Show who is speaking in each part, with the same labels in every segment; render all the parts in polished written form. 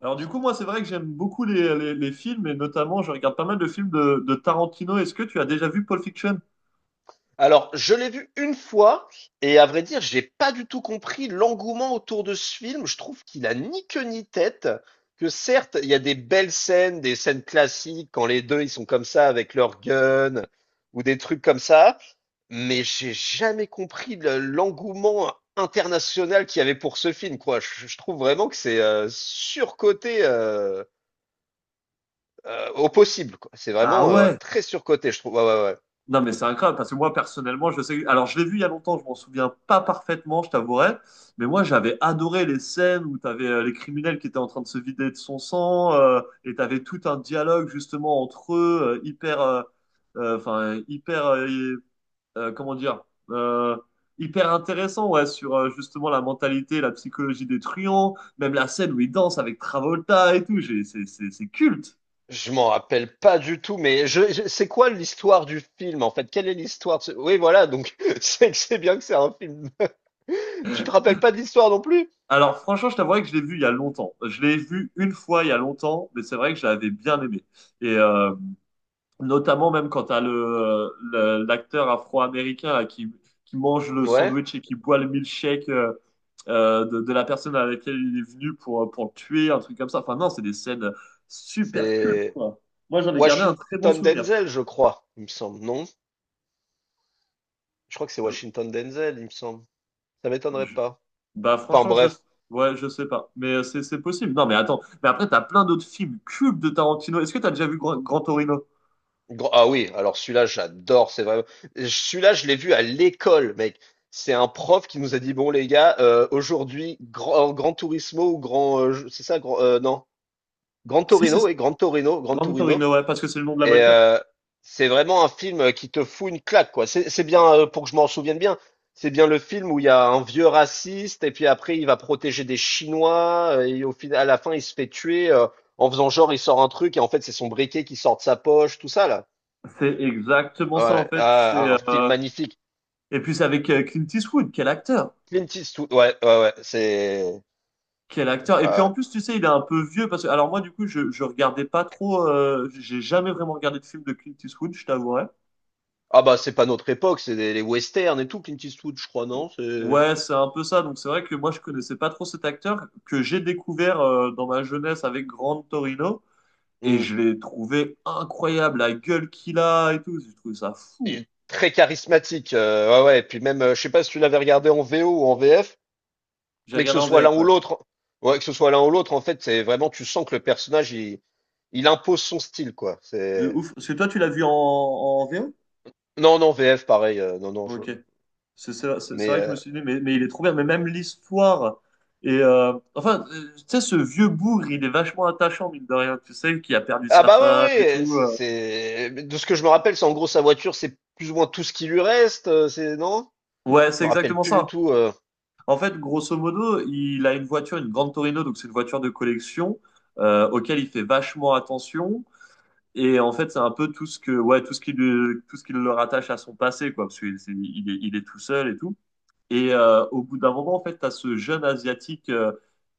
Speaker 1: Alors du coup, moi, c'est vrai que j'aime beaucoup les films, et notamment, je regarde pas mal de films de Tarantino. Est-ce que tu as déjà vu Pulp Fiction?
Speaker 2: Alors, je l'ai vu une fois et à vrai dire, j'ai pas du tout compris l'engouement autour de ce film. Je trouve qu'il a ni queue ni tête. Que certes, il y a des belles scènes, des scènes classiques quand les deux ils sont comme ça avec leur gun ou des trucs comme ça, mais j'ai jamais compris l'engouement international qu'il y avait pour ce film, quoi. Je trouve vraiment que c'est surcoté au possible, quoi. C'est
Speaker 1: Ah
Speaker 2: vraiment ouais,
Speaker 1: ouais?
Speaker 2: très surcoté, je trouve. Ouais, ouais, ouais.
Speaker 1: Non, mais c'est incroyable, parce que moi, personnellement, je sais... Alors, je l'ai vu il y a longtemps, je m'en souviens pas parfaitement, je t'avouerai, mais moi, j'avais adoré les scènes où t'avais avais les criminels qui étaient en train de se vider de son sang, et t'avais tout un dialogue, justement, entre eux, enfin, euh, comment dire, euh, hyper intéressant, ouais, sur justement la mentalité, la psychologie des truands, même la scène où il danse avec Travolta et tout, c'est culte.
Speaker 2: Je m'en rappelle pas du tout, mais c'est quoi l'histoire du film en fait? Quelle est l'histoire de ce- Oui, voilà, donc c'est bien que c'est un film. Tu te rappelles pas de l'histoire non plus?
Speaker 1: Alors franchement, je t'avouerai que je l'ai vu il y a longtemps. Je l'ai vu une fois il y a longtemps, mais c'est vrai que je l'avais bien aimé. Et notamment même quand t'as l'acteur afro-américain là, qui mange le
Speaker 2: Ouais,
Speaker 1: sandwich et qui boit le milkshake de la personne à laquelle il est venu pour le tuer, un truc comme ça. Enfin non, c'est des scènes super cultes,
Speaker 2: c'est
Speaker 1: quoi. Moi, j'en ai gardé un très bon
Speaker 2: Washington
Speaker 1: souvenir.
Speaker 2: Denzel, je crois, il me semble. Non? Je crois que c'est
Speaker 1: Je-
Speaker 2: Washington Denzel, il me semble. Ça m'étonnerait
Speaker 1: je-
Speaker 2: pas.
Speaker 1: Bah
Speaker 2: Enfin
Speaker 1: franchement,
Speaker 2: bref.
Speaker 1: ouais, je sais pas. Mais c'est possible. Non, mais attends. Mais après, t'as plein d'autres films cultes de Tarantino. Est-ce que t'as déjà vu Grand Torino?
Speaker 2: Ah oui, alors celui-là, j'adore, c'est vrai. Celui-là, je l'ai vu à l'école, mec. C'est un prof qui nous a dit, bon les gars, aujourd'hui, grand, Grand Turismo ou grand, c'est ça, grand, non? Gran
Speaker 1: Si, c'est
Speaker 2: Torino,
Speaker 1: ça.
Speaker 2: oui, Gran Torino, Gran
Speaker 1: Grand
Speaker 2: Torino.
Speaker 1: Torino, ouais, parce que c'est le nom de la
Speaker 2: Et
Speaker 1: voiture.
Speaker 2: euh, c'est vraiment un film qui te fout une claque, quoi. C'est bien, pour que je m'en souvienne bien, c'est bien le film où il y a un vieux raciste et puis après il va protéger des Chinois et au final, à la fin, il se fait tuer en faisant genre il sort un truc et en fait c'est son briquet qui sort de sa poche, tout ça là.
Speaker 1: C'est exactement ça,
Speaker 2: Ouais,
Speaker 1: en fait.
Speaker 2: ah, un film magnifique.
Speaker 1: Et puis c'est avec Clint Eastwood, quel acteur,
Speaker 2: Clint Eastwood, ouais, ouais, ouais, c'est.
Speaker 1: quel acteur. Et puis
Speaker 2: Ah ouais.
Speaker 1: en plus, tu sais, il est un peu vieux parce que alors moi du coup, je regardais pas trop, j'ai jamais vraiment regardé de film de Clint Eastwood, je t'avouerai.
Speaker 2: Ah bah c'est pas notre époque, les westerns et tout, Clint Eastwood, je crois, non? C'est.
Speaker 1: Ouais, c'est un peu ça. Donc c'est vrai que moi je connaissais pas trop cet acteur que j'ai découvert dans ma jeunesse avec Grand Torino, et
Speaker 2: Hmm.
Speaker 1: je l'ai trouvé incroyable, la gueule qu'il a et tout. J'ai trouvé ça
Speaker 2: Il
Speaker 1: fou.
Speaker 2: est très charismatique. Ouais, ouais. Et puis même, je sais pas si tu l'avais regardé en VO ou en VF,
Speaker 1: J'ai
Speaker 2: mais que
Speaker 1: regardé
Speaker 2: ce
Speaker 1: en
Speaker 2: soit l'un
Speaker 1: VF,
Speaker 2: ou
Speaker 1: ouais.
Speaker 2: l'autre, ouais, que ce soit l'un ou l'autre, en fait, c'est vraiment, tu sens que le personnage, il impose son style, quoi.
Speaker 1: De
Speaker 2: C'est
Speaker 1: ouf. Parce que toi tu l'as vu en VO?
Speaker 2: non, non, VF, pareil. Non, non, je.
Speaker 1: Ok. C'est
Speaker 2: Mais
Speaker 1: vrai que je me suis dit, mais il est trop bien. Mais même l'histoire. Et enfin, tu sais, ce vieux bougre, il est vachement attachant, mine de rien. Tu sais, qui a perdu
Speaker 2: ah
Speaker 1: sa
Speaker 2: bah ouais,
Speaker 1: femme et
Speaker 2: ouais.
Speaker 1: tout.
Speaker 2: De ce que je me rappelle, c'est en gros sa voiture, c'est plus ou moins tout ce qui lui reste. C'est non?
Speaker 1: Ouais, c'est
Speaker 2: Je me rappelle
Speaker 1: exactement
Speaker 2: plus du
Speaker 1: ça.
Speaker 2: tout.
Speaker 1: En fait, grosso modo, il a une voiture, une grande Torino, donc c'est une voiture de collection auquel il fait vachement attention. Et en fait, c'est un peu tout ce que, ouais, tout ce qui le rattache à son passé, quoi, parce qu'il c'est- il est tout seul et tout. Et au bout d'un moment, en fait, tu as ce jeune asiatique euh,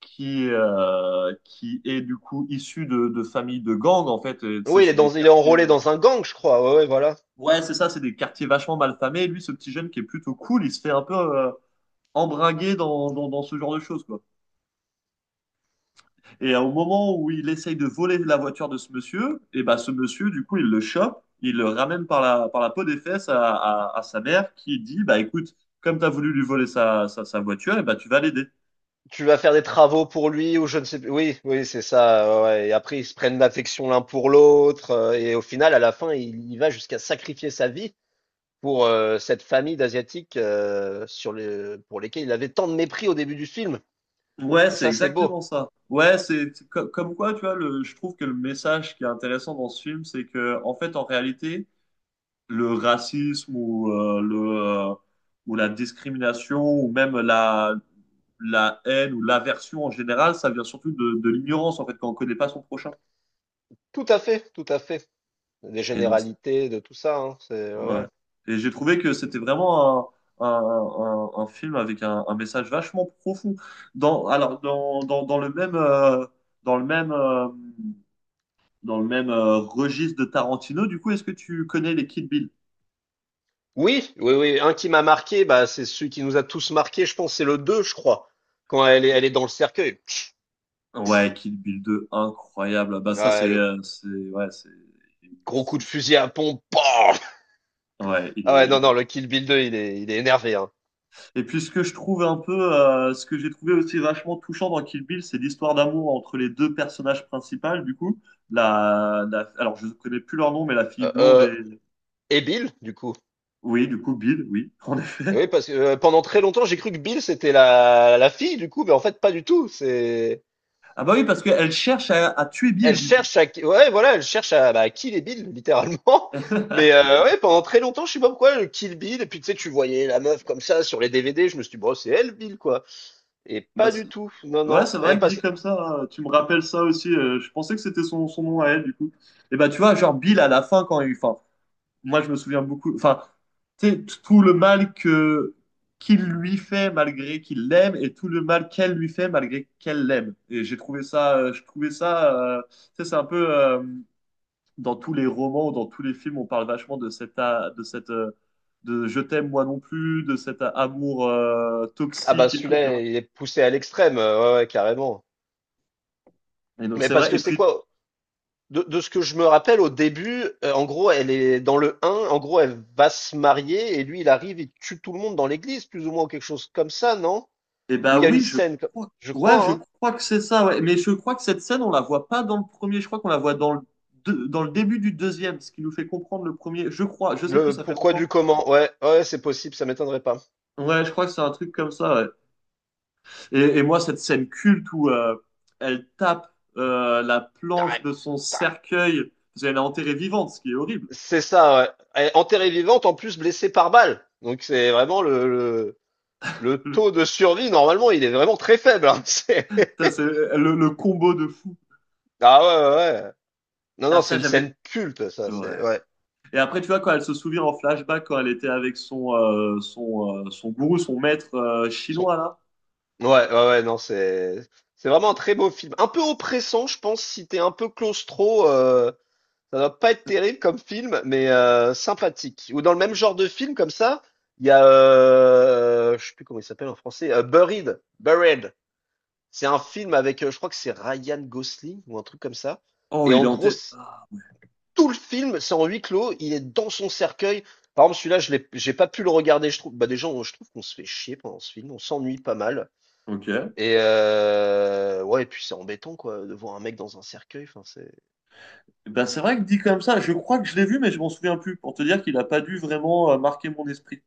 Speaker 1: qui, euh, qui est du coup issu de familles de gangs, en fait. Et, tu sais,
Speaker 2: Oui,
Speaker 1: c'est des
Speaker 2: il est
Speaker 1: quartiers.
Speaker 2: enrôlé dans un gang, je crois. Ouais, ouais, voilà.
Speaker 1: Ouais, c'est ça, c'est des quartiers vachement mal famés. Et lui, ce petit jeune qui est plutôt cool, il se fait un peu embringuer dans ce genre de choses, quoi. Et au moment où il essaye de voler la voiture de ce monsieur, et ben ce monsieur, du coup, il le chope, il le ramène par par la peau des fesses à sa mère qui dit, bah écoute, comme tu as voulu lui voler sa voiture, et ben tu vas l'aider.
Speaker 2: Tu vas faire des travaux pour lui ou je ne sais plus. Oui, oui, c'est ça. Ouais. Ouais. Et après, ils se prennent d'affection l'un pour l'autre. Et au final, à la fin, il va jusqu'à sacrifier sa vie pour cette famille d'Asiatiques pour lesquels il avait tant de mépris au début du film.
Speaker 1: Ouais,
Speaker 2: Et
Speaker 1: c'est
Speaker 2: ça, c'est
Speaker 1: exactement
Speaker 2: beau.
Speaker 1: ça. Ouais, comme quoi, tu vois, je trouve que le message qui est intéressant dans ce film, c'est que, en fait, en réalité, le racisme euh, ou la discrimination ou même la haine ou l'aversion en général, ça vient surtout de l'ignorance, en fait, quand on connaît pas son prochain.
Speaker 2: Tout à fait, tout à fait. Des
Speaker 1: Et donc,
Speaker 2: généralités, de tout ça, hein. C'est, ouais,
Speaker 1: ouais.
Speaker 2: ouais.
Speaker 1: Et j'ai trouvé que c'était vraiment un film avec un message vachement profond. Dans, alors, dans, dans, dans le même, dans le même, dans le même registre de Tarantino. Du coup, est-ce que tu connais les Kill Bill?
Speaker 2: Oui, oui, oui. Un qui m'a marqué, bah, c'est celui qui nous a tous marqué, je pense, c'est le 2, je crois. Quand elle est dans le cercueil. Pff,
Speaker 1: Ouais, Kill Bill 2, incroyable. Bah ça,
Speaker 2: ouais, le
Speaker 1: c'est, ouais, c'est il est
Speaker 2: gros coup de
Speaker 1: fou, ce-
Speaker 2: fusil à pompe. Pam.
Speaker 1: Ouais,
Speaker 2: Ah ouais, non,
Speaker 1: il
Speaker 2: non,
Speaker 1: est-
Speaker 2: le Kill Bill 2, il est énervé. Hein.
Speaker 1: Et puis ce que je trouve un peu, ce que j'ai trouvé aussi vachement touchant dans Kill Bill, c'est l'histoire d'amour entre les deux personnages principaux. Du coup, alors je connais plus leur nom, mais la fille
Speaker 2: Euh,
Speaker 1: blonde
Speaker 2: euh,
Speaker 1: et,
Speaker 2: et Bill, du coup.
Speaker 1: oui, du coup Bill, oui, en effet.
Speaker 2: Oui, parce que pendant très longtemps, j'ai cru que Bill, c'était la fille, du coup, mais en fait, pas du tout.
Speaker 1: Ah bah oui, parce qu'elle cherche à tuer
Speaker 2: Elle
Speaker 1: Bill, du coup.
Speaker 2: cherche à... Ouais, voilà, elle cherche à, bah, kill et Bill, littéralement. Mais ouais, pendant très longtemps, je sais pas pourquoi, le Kill Bill, et puis tu sais, tu voyais la meuf comme ça sur les DVD, je me suis dit, bon, c'est elle, Bill, quoi. Et
Speaker 1: Bah,
Speaker 2: pas du tout. Non,
Speaker 1: ouais,
Speaker 2: non.
Speaker 1: c'est
Speaker 2: Eh.
Speaker 1: vrai que dit comme ça, hein, tu me rappelles ça aussi. Je pensais que c'était son nom à elle, du coup. Et bah, tu vois, genre Bill à la fin, quand il. Enfin, moi, je me souviens beaucoup. Enfin, tu sais, t- tout le mal que qu'il lui fait malgré qu'il l'aime et tout le mal qu'elle lui fait malgré qu'elle l'aime. Et j'ai trouvé ça. Je trouvais ça. Tu sais, c'est un peu. Dans tous les romans, ou dans tous les films, on parle vachement de cette de je t'aime moi non plus, de cet amour
Speaker 2: Ah bah
Speaker 1: toxique et tout, tu
Speaker 2: celui-là,
Speaker 1: vois.
Speaker 2: il est poussé à l'extrême. Ouais, ouais, carrément.
Speaker 1: Et donc,
Speaker 2: Mais
Speaker 1: c'est
Speaker 2: parce
Speaker 1: vrai.
Speaker 2: que
Speaker 1: Et
Speaker 2: c'est
Speaker 1: puis,
Speaker 2: quoi? De ce que je me rappelle au début, en gros, elle est dans le 1, en gros, elle va se marier et lui, il arrive, il tue tout le monde dans l'église, plus ou moins, ou quelque chose comme ça, non?
Speaker 1: eh
Speaker 2: Où
Speaker 1: ben
Speaker 2: il y a une
Speaker 1: oui, je
Speaker 2: scène,
Speaker 1: crois.
Speaker 2: je
Speaker 1: Ouais, je
Speaker 2: crois, hein?
Speaker 1: crois que c'est ça. Ouais. Mais je crois que cette scène, on la voit pas dans le premier. Je crois qu'on la voit dans dans le début du deuxième, ce qui nous fait comprendre le premier. Je crois. Je sais plus.
Speaker 2: Le
Speaker 1: Ça fait
Speaker 2: pourquoi du
Speaker 1: longtemps.
Speaker 2: comment, ouais, ouais, c'est possible, ça m'étonnerait pas.
Speaker 1: Ouais, je crois que c'est un truc comme ça. Ouais. Et moi, cette scène culte où elle tape la planche
Speaker 2: Tarek,
Speaker 1: de son
Speaker 2: Tarek.
Speaker 1: cercueil, parce qu'elle est enterrée vivante, ce qui est horrible.
Speaker 2: C'est ça, ouais. Elle est enterrée vivante, en plus blessée par balle. Donc c'est vraiment le taux de survie, normalement, il est vraiment très faible, hein.
Speaker 1: Putain, c'est- le combo de fou.
Speaker 2: Ah ouais, ouais, ouais. Non,
Speaker 1: Ah,
Speaker 2: non, c'est
Speaker 1: ça,
Speaker 2: une
Speaker 1: j'avais.
Speaker 2: scène culte, ça,
Speaker 1: Ouais.
Speaker 2: c'est, ouais.
Speaker 1: Et après, tu vois, quand elle se souvient en flashback, quand elle était avec son gourou, son maître chinois, là.
Speaker 2: Ouais, ouais, ouais, non, c'est vraiment un très beau film. Un peu oppressant, je pense, si t'es un peu claustro, ça doit pas être terrible comme film, mais sympathique. Ou dans le même genre de film comme ça, il y a, je sais plus comment il s'appelle en français, Buried. Buried. C'est un film avec, je crois que c'est Ryan Gosling ou un truc comme ça.
Speaker 1: Oh,
Speaker 2: Et
Speaker 1: il
Speaker 2: en
Speaker 1: est en
Speaker 2: gros,
Speaker 1: tête. Ah,
Speaker 2: tout le film, c'est en huis clos. Il est dans son cercueil. Par exemple, celui-là, j'ai pas pu le regarder. Je trouve, bah déjà, je trouve qu'on se fait chier pendant ce film. On s'ennuie pas mal.
Speaker 1: ok.
Speaker 2: Et ouais, et puis c'est embêtant quoi, de voir un mec dans un cercueil, enfin c'est
Speaker 1: Eh ben, c'est vrai que dit comme ça, je crois que je l'ai vu, mais je m'en souviens plus, pour te dire qu'il n'a pas dû vraiment marquer mon esprit.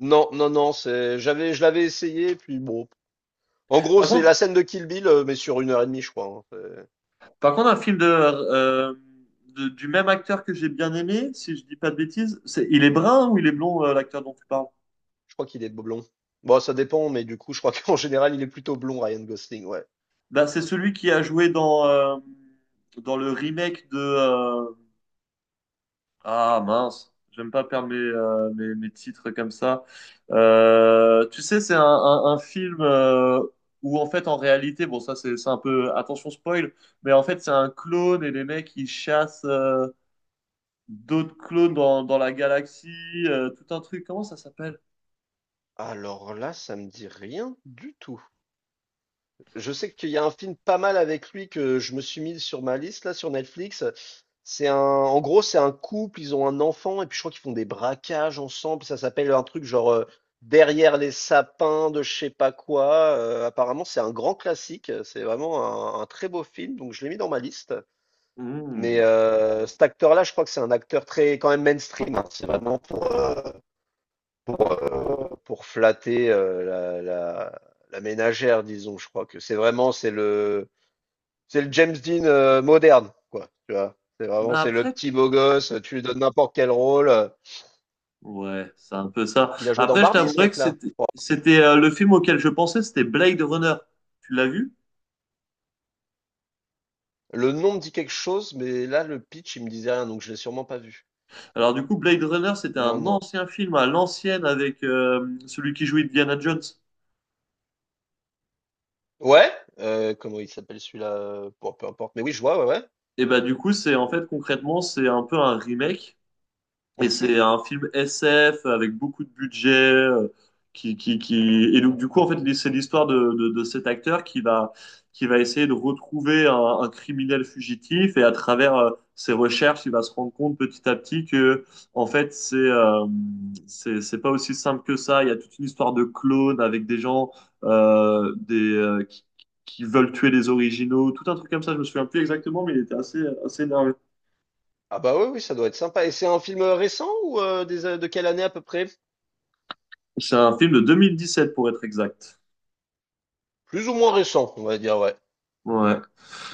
Speaker 2: non, non, non, c'est j'avais je l'avais essayé puis bon. En gros,
Speaker 1: Par
Speaker 2: c'est
Speaker 1: contre,
Speaker 2: la scène de Kill Bill, mais sur 1h30 je crois, hein, c'est.
Speaker 1: par contre un film du même acteur que j'ai bien aimé, si je dis pas de bêtises, c'est, il est brun ou il est blond, l'acteur dont tu parles?
Speaker 2: Je crois qu'il est blond. Bon, ça dépend, mais du coup je crois qu'en général il est plutôt blond, Ryan Gosling, ouais.
Speaker 1: Ben, c'est celui qui a joué dans, dans le remake de, ah mince, j'aime pas perdre mes titres comme ça. Tu sais, c'est un film où en fait, en réalité, bon, ça c'est un peu, attention spoil, mais en fait, c'est un clone et les mecs ils chassent d'autres clones dans la galaxie, tout un truc. Comment ça s'appelle?
Speaker 2: Alors là, ça me dit rien du tout. Je sais qu'il y a un film pas mal avec lui que je me suis mis sur ma liste là sur Netflix. En gros, c'est un couple, ils ont un enfant et puis je crois qu'ils font des braquages ensemble. Ça s'appelle un truc genre Derrière les sapins de je sais pas quoi. Apparemment, c'est un grand classique. C'est vraiment un très beau film, donc je l'ai mis dans ma liste.
Speaker 1: Hmm.
Speaker 2: Mais cet acteur-là, je crois que c'est un acteur très quand même mainstream, hein. C'est vraiment pour, pour, euh, pour flatter la ménagère, disons. Je crois que c'est vraiment c'est le James Dean moderne, quoi. Tu vois,
Speaker 1: Bah
Speaker 2: c'est le
Speaker 1: après,
Speaker 2: petit beau gosse. Tu lui donnes n'importe quel rôle.
Speaker 1: ouais, c'est un peu ça.
Speaker 2: Il a joué dans
Speaker 1: Après, je
Speaker 2: Barbie, ce
Speaker 1: t'avouerais que
Speaker 2: mec-là, je
Speaker 1: c'était
Speaker 2: crois.
Speaker 1: c'était le film auquel je pensais, c'était Blade Runner. Tu l'as vu?
Speaker 2: Le nom me dit quelque chose, mais là le pitch, il me disait rien, donc je l'ai sûrement pas vu.
Speaker 1: Alors du coup, Blade Runner, c'était
Speaker 2: Non,
Speaker 1: un
Speaker 2: non.
Speaker 1: ancien film à l'ancienne avec celui qui jouait Indiana Jones.
Speaker 2: Ouais. Comment il s'appelle celui-là? Bon, peu importe. Mais oui, je vois. Ouais, ouais.
Speaker 1: Et bah du coup, c'est en fait concrètement, c'est un peu un remake. Et
Speaker 2: Mhm.
Speaker 1: c'est un film SF avec beaucoup de budget. Et donc, du coup, en fait, c'est l'histoire de cet acteur qui va essayer de retrouver un criminel fugitif. Et à travers ses recherches, il va se rendre compte petit à petit que, en fait, c'est pas aussi simple que ça. Il y a toute une histoire de clones avec des gens euh, des, euh, qui, qui veulent tuer les originaux. Tout un truc comme ça, je me souviens plus exactement, mais il était assez énervé.
Speaker 2: Ah bah oui, oui, ça doit être sympa. Et c'est un film récent ou de quelle année à peu près?
Speaker 1: C'est un film de 2017 pour être exact.
Speaker 2: Plus ou moins récent, on va dire. Ouais.
Speaker 1: Ouais.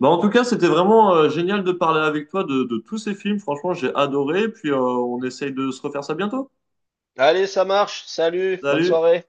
Speaker 1: Bah, en tout cas, c'était vraiment génial de parler avec toi de tous ces films. Franchement, j'ai adoré. Puis on essaye de se refaire ça bientôt.
Speaker 2: Allez, ça marche. Salut. Bonne
Speaker 1: Salut!
Speaker 2: soirée.